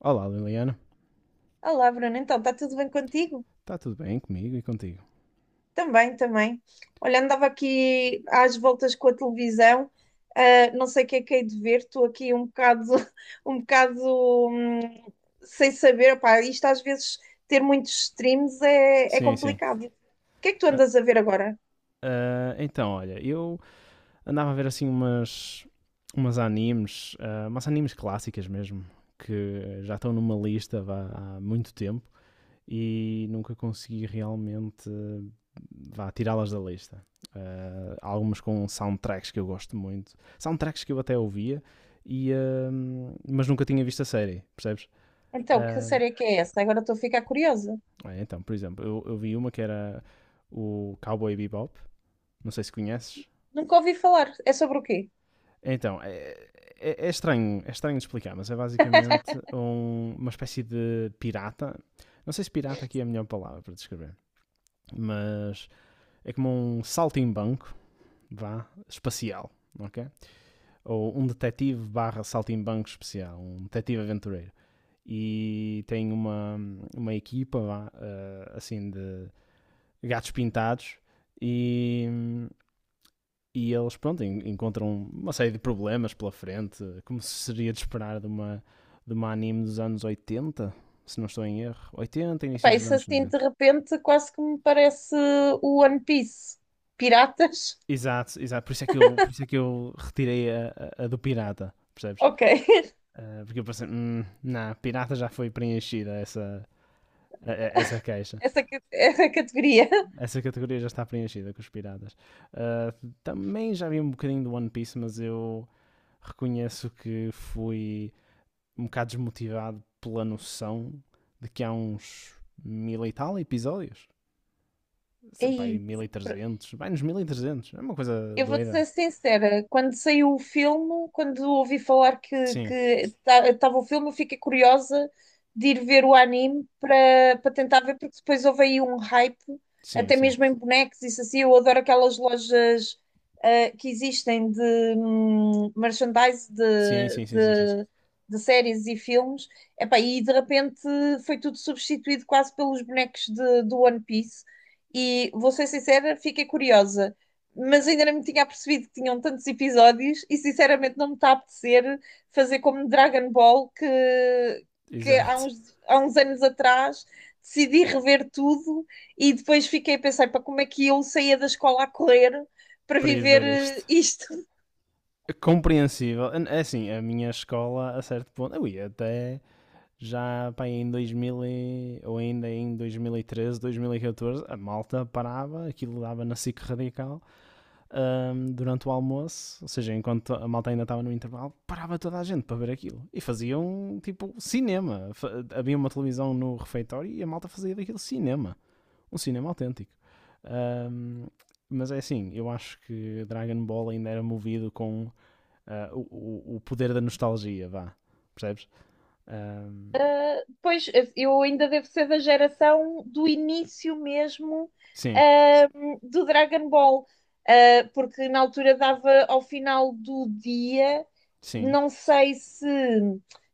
Olá, Liliana. Olá, Bruno. Então, está tudo bem contigo? Está tudo bem comigo e contigo? Também, também. Olha, andava aqui às voltas com a televisão, não sei o que é que hei de ver, estou aqui um bocado, um bocado, hum, sem saber. Opá, isto às vezes ter muitos streams é Sim, sim. complicado. O que é que tu Ah, andas a ver agora? Então, olha, eu andava a ver assim umas animes clássicas mesmo, que já estão numa lista vá, há muito tempo e nunca consegui realmente vá, tirá-las da lista. Há algumas com soundtracks que eu gosto muito, soundtracks que eu até ouvia, e, ah, mas nunca tinha visto a série, percebes? Então, que Ah, série é que é essa? Agora estou a ficar curiosa. Então, por exemplo, eu vi uma que era o Cowboy Bebop, não sei se conheces. Nunca ouvi falar. É sobre o quê? Então, é estranho, é estranho de explicar, mas é basicamente uma espécie de pirata. Não sei se pirata aqui é a melhor palavra para descrever, mas é como um saltimbanco, vá, espacial, ok? Ou um detetive barra saltimbanco especial, um detetive aventureiro. E tem uma equipa, vá, assim, de gatos pintados e, eles, pronto, encontram uma série de problemas pela frente, como se seria de esperar de uma anime dos anos 80, se não estou em erro. 80, início Epá, dos isso anos assim de 90. repente quase que me parece o One Piece. Piratas? Exato, exato. Por isso é que eu retirei a do pirata, percebes? Ok. Porque eu pensei, não, pirata já foi preenchida essa queixa. Essa categoria. Essa categoria já está preenchida com os piratas. Ah, também já vi um bocadinho do One Piece, mas eu reconheço que fui um bocado desmotivado pela noção de que há uns mil e tal episódios. Sei, Aí, 1.300, vai nos 1.300. É uma coisa eu vou-te ser doida. sincera, quando saiu o filme, quando ouvi falar que Sim, estava o filme, eu fiquei curiosa de ir ver o anime para tentar ver, porque depois houve aí um hype, sim, até sim. mesmo em bonecos, isso assim, eu adoro aquelas lojas que existem de merchandise Sim, de, sim, sim, sim, sim. de, de séries e filmes. Epá, e de repente foi tudo substituído quase pelos bonecos do One Piece, e vou ser sincera, fiquei curiosa, mas ainda não me tinha apercebido que tinham tantos episódios e sinceramente não me está a apetecer fazer como Dragon Ball que Exato. Há uns anos atrás decidi rever tudo e depois fiquei a pensar, para como é que eu saía da escola a correr para Para ir viver ver este. isto. Compreensível. É assim, a minha escola, a certo ponto, eu ia até já pá, em 2000 ou ainda em dois mil e treze, 2014 a malta parava, aquilo dava na SIC Radical, durante o almoço, ou seja, enquanto a malta ainda estava no intervalo, parava toda a gente para ver aquilo. E faziam tipo cinema. Havia uma televisão no refeitório e a malta fazia daquilo cinema. Um cinema autêntico. Ahm, mas é assim, eu acho que Dragon Ball ainda era movido com poder da nostalgia, vá. Percebes? Ahm, Ah, pois eu ainda devo ser da geração do início mesmo sim, ah, do Dragon Ball, porque na altura dava ao final do dia, sim, não sei se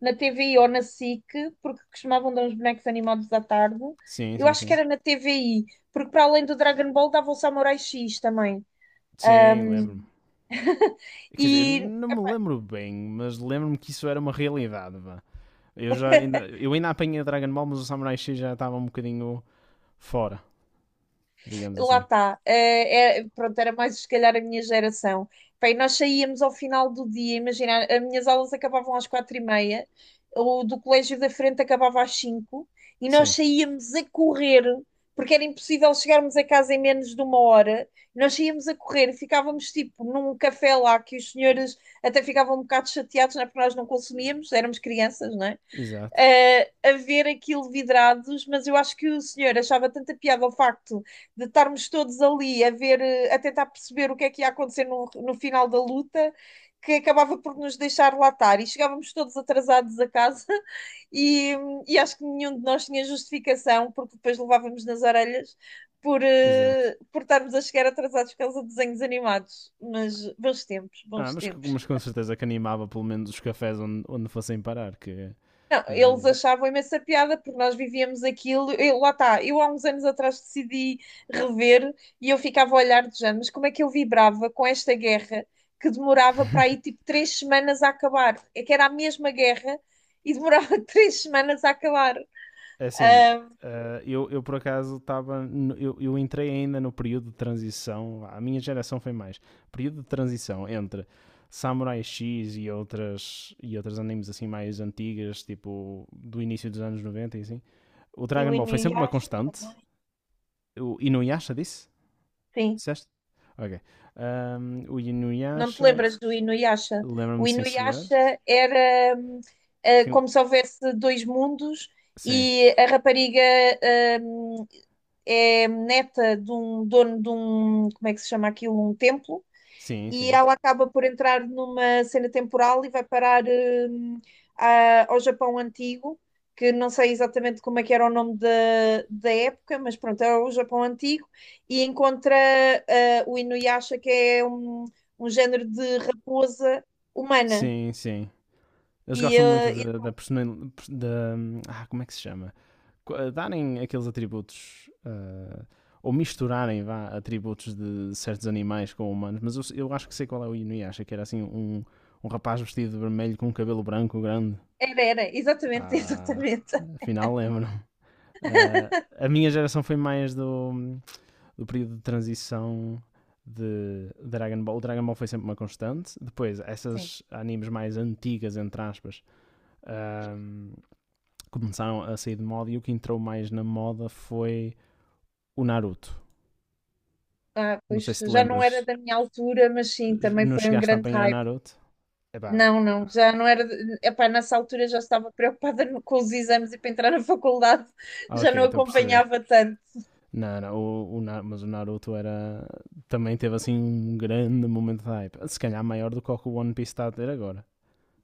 na TVI ou na SIC, porque costumavam dar uns bonecos animados à tarde. sim, Eu sim, acho que sim. era na TVI, porque para além do Dragon Ball dava o Samurai X também. Sim, lembro-me. Quer dizer, eu E não me lembro bem, mas lembro-me que isso era uma realidade, vá. Eu ainda apanhei a Dragon Ball, mas o Samurai X já estava um bocadinho fora, digamos lá assim. está. Pronto, era mais se calhar a minha geração. Bem, nós saíamos ao final do dia, imagina, as minhas aulas acabavam às 4:30, o do colégio da frente acabava às 5, e nós Sim, saíamos a correr, porque era impossível chegarmos a casa em menos de uma hora. Nós saíamos a correr, ficávamos tipo num café lá que os senhores até ficavam um bocado chateados, não é? Porque nós não consumíamos, éramos crianças, não é? exato, A ver aquilo vidrados, mas eu acho que o senhor achava tanta piada o facto de estarmos todos ali a ver, a tentar perceber o que é que ia acontecer no final da luta, que acabava por nos deixar latar e chegávamos todos atrasados a casa e, e acho que nenhum de nós tinha justificação, porque depois levávamos nas orelhas por, exato. eh, por estarmos a chegar atrasados por causa de desenhos animados. Mas bons tempos, bons mas, tempos. mas com certeza que animava pelo menos os cafés onde fossem parar, que Não, não é? eles achavam imensa piada porque nós vivíamos aquilo. Eu, lá está, eu há uns anos atrás decidi rever e eu ficava a olhar de género, mas como é que eu vibrava com esta guerra que demorava para aí tipo 3 semanas a acabar? É que era a mesma guerra e demorava 3 semanas a acabar. Assim, Ah, eu por acaso estava. Eu entrei ainda no período de transição. A minha geração foi mais. Período de transição entre Samurai X e outras animes assim mais antigas, tipo do início dos anos 90 e assim. O e o Dragon Ball foi sempre uma Inuyasha constante. também. O Inuyasha disse? Sim. Disseste? Ok. O Não te Inuyasha, lembras do Inuyasha? O lembra-me, sim, senhor. Inuyasha era, Sim, como se houvesse dois mundos, sim, e a rapariga, hum, é neta de um dono de um, como é que se chama aquilo? Um templo. sim, E sim. ela acaba por entrar numa cena temporal e vai parar, ao Japão Antigo, que não sei exatamente como é que era o nome da época, mas pronto, é o Japão Antigo, e encontra o Inuyasha, que é um género de raposa humana. Sim, sim. Eles E gostam muito da, como é que se chama? Darem aqueles atributos. Ou misturarem vá, atributos de certos animais com humanos. Mas eu acho que sei qual é o Inuyasha, que era assim um rapaz vestido de vermelho com um cabelo branco grande. era, era, exatamente, Ah, exatamente. afinal lembro. A minha geração foi mais do período de transição de Dragon Ball. O Dragon Ball foi sempre uma constante. Depois, essas animes mais antigas, entre aspas, ahm, começaram a sair de moda e o que entrou mais na moda foi o Naruto. Ah, Não sei pois se te já não era lembras. da minha altura, mas sim, também Não foi um chegaste a grande apanhar hype. Naruto? Epá, Não, não, já não era. Epá, nessa altura já estava preocupada com os exames e para entrar na faculdade, já ok, não estou a perceber. acompanhava tanto. Não, não, o mas o Naruto era. Também teve assim um grande momento de hype. Se calhar maior do que o One Piece está a ter agora.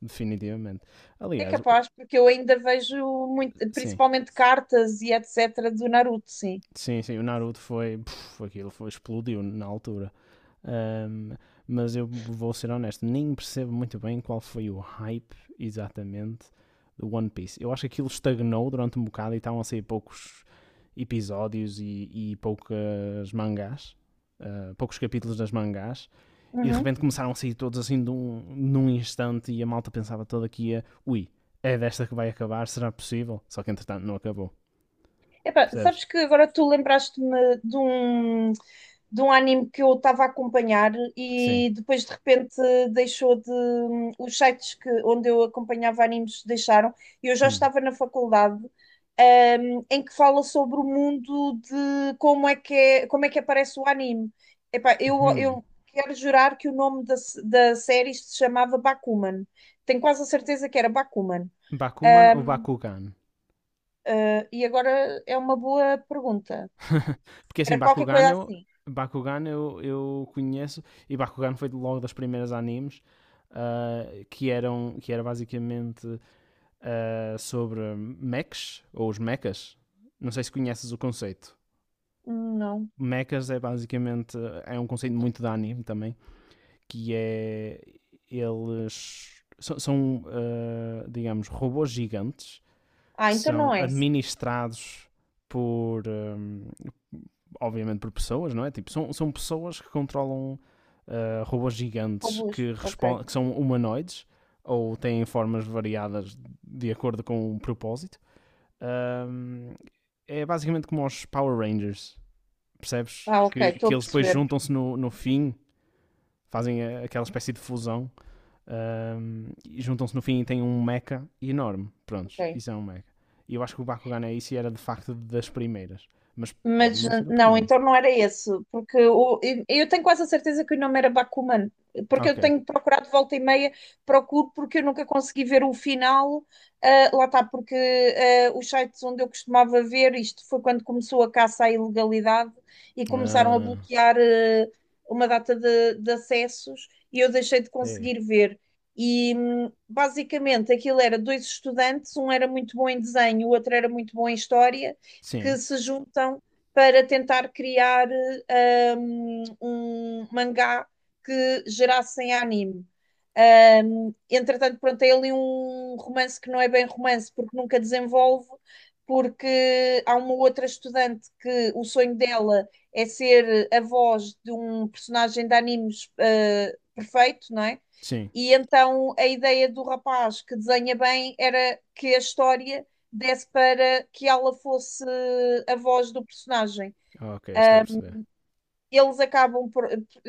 Definitivamente. É Aliás, capaz, porque eu ainda vejo muito, sim, principalmente cartas e etc. do Naruto, sim. sim, sim, o Naruto foi, puf, aquilo foi, explodiu na altura. Ahm, mas eu vou ser honesto, nem percebo muito bem qual foi o hype exatamente do One Piece. Eu acho que aquilo estagnou durante um bocado e estavam a sair poucos episódios e poucas mangás. Poucos capítulos das mangás e de Uhum. repente começaram a sair todos assim num instante e a malta pensava toda que ia ui, é desta que vai acabar, será possível? Só que entretanto não acabou. Epá, Percebes? sabes que agora tu lembraste-me de um anime que eu estava a acompanhar Sim. e depois de repente deixou de. Os sites que, onde eu acompanhava animes deixaram, e eu já Hum. estava na faculdade, em que fala sobre o mundo de como é que aparece o anime. Epá, eu, Hum. eu quero jurar que o nome da série se chamava Bakuman. Tenho quase a certeza que era Bakuman. Bakuman ou Um, Bakugan? e agora é uma boa pergunta. Porque assim, Era qualquer Bakugan coisa eu, assim. Bakugan eu, eu conheço e Bakugan foi logo das primeiras animes, ah, que era basicamente, sobre mechs ou os mechas. Não sei se conheces o conceito. Não. Mechas é basicamente é um conceito muito de anime também, que é eles são, digamos, robôs gigantes Ah, que então são não é. administrados por, obviamente, por pessoas, não é? Tipo, são pessoas que controlam, robôs gigantes Robôs. que, Ok. Que são humanoides ou têm formas variadas de acordo com o propósito. Hum, é basicamente como os Power Rangers, percebes? Ah, ok. Que, Estou que a eles depois perceber. juntam-se no fim, fazem aquela espécie de fusão, e juntam-se no fim e têm um mecha enorme. Ok. Prontos, isso é um mecha. E eu acho que o Bakugan é isso e era de facto das primeiras. Mas pode Mas não ser a não, primeira. então não era esse, porque eu tenho quase a certeza que o nome era Bakuman, porque eu Ok. tenho procurado volta e meia, procuro porque eu nunca consegui ver o final. Ah, lá está, porque os sites onde eu costumava ver, isto foi quando começou a caça à ilegalidade e começaram a Ah, bloquear uma data de acessos, e eu deixei de é. conseguir ver. E basicamente aquilo era dois estudantes, um era muito bom em desenho, o outro era muito bom em história, que Sim, se juntam para tentar criar um mangá que gerassem anime. Entretanto, pronto, é ali um romance que não é bem romance, porque nunca desenvolve, porque há uma outra estudante que o sonho dela é ser a voz de um personagem de animes perfeito, não é? sim. E então a ideia do rapaz que desenha bem era que a história desse para que ela fosse a voz do personagem, Ok, estou a perceber. eles acabam por.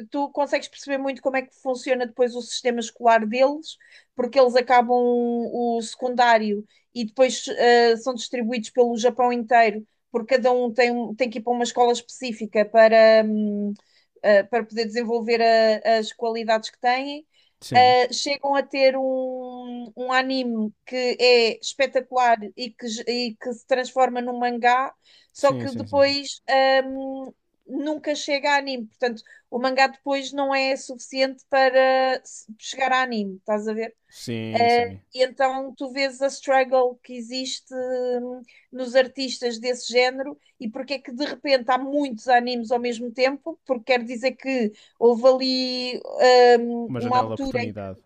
Tu consegues perceber muito como é que funciona depois o sistema escolar deles, porque eles acabam o secundário e depois são distribuídos pelo Japão inteiro, porque cada um tem, tem que ir para uma escola específica para poder desenvolver as qualidades que têm. Sim, Chegam a ter um anime que é espetacular e que, se transforma num mangá, só sim, que sim, sim. depois. hum, Nunca chega a anime. Portanto, o mangá depois não é suficiente para chegar a anime, estás a ver? Sim, sim. Eh, Sim. e então tu vês a struggle que existe, nos artistas desse género, e porque é que de repente há muitos animes ao mesmo tempo, porque quer dizer que houve ali Uma uma janela de altura. oportunidade.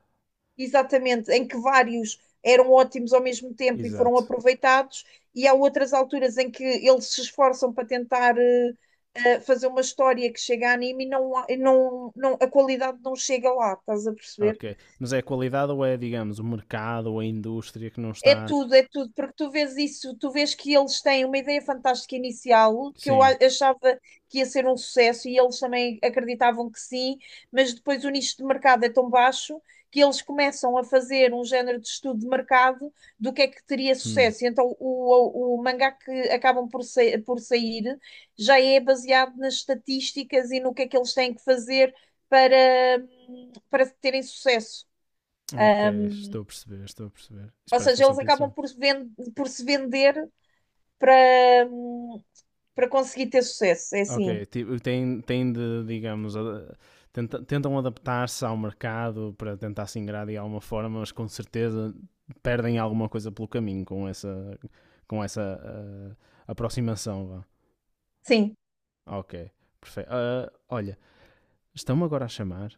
Exatamente, em que vários eram ótimos ao mesmo tempo e foram Exato. aproveitados, e há outras alturas em que eles se esforçam para tentar fazer uma história que chega a anime e não, e não, não, a qualidade não chega lá, estás a perceber? Ok. Mas é a qualidade ou é, digamos, o mercado ou a indústria que não está. É tudo, porque tu vês isso, tu vês que eles têm uma ideia fantástica inicial, que eu Sim. Achava que ia ser um sucesso e eles também acreditavam que sim, mas depois o nicho de mercado é tão baixo que eles começam a fazer um género de estudo de mercado do que é que teria Hum. sucesso. E então o mangá que acabam por sair já é baseado nas estatísticas e no que é que eles têm que fazer para, para terem sucesso. Ok, Ah, estou a perceber, estou a perceber. Isso ou parece seja, eles bastante acabam interessante. por se vender para, para conseguir ter sucesso. É assim. Ok, tipo, tem de, digamos, tentam adaptar-se ao mercado para tentar se ingrar de alguma forma, mas com certeza perdem alguma coisa pelo caminho com essa, com essa aproximação, vá. Sim, Ok, perfeito. Olha, estão-me agora a chamar,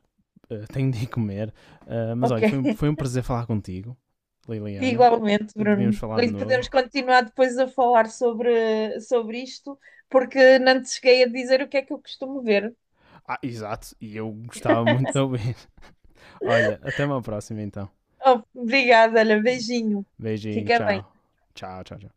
tenho de ir comer, mas olha, ok. foi um prazer falar contigo, Liliana. Igualmente, Devíamos Bruno. falar de E novo. podemos continuar depois a falar sobre isto, porque não te cheguei a dizer o que é que eu costumo ver. Ah, exato, e eu gostava muito de ouvir. Olha, até uma próxima então. Oh, obrigada, olha, beijinho. Beijinho, Fica bem. tchau. Tchau, tchau, tchau.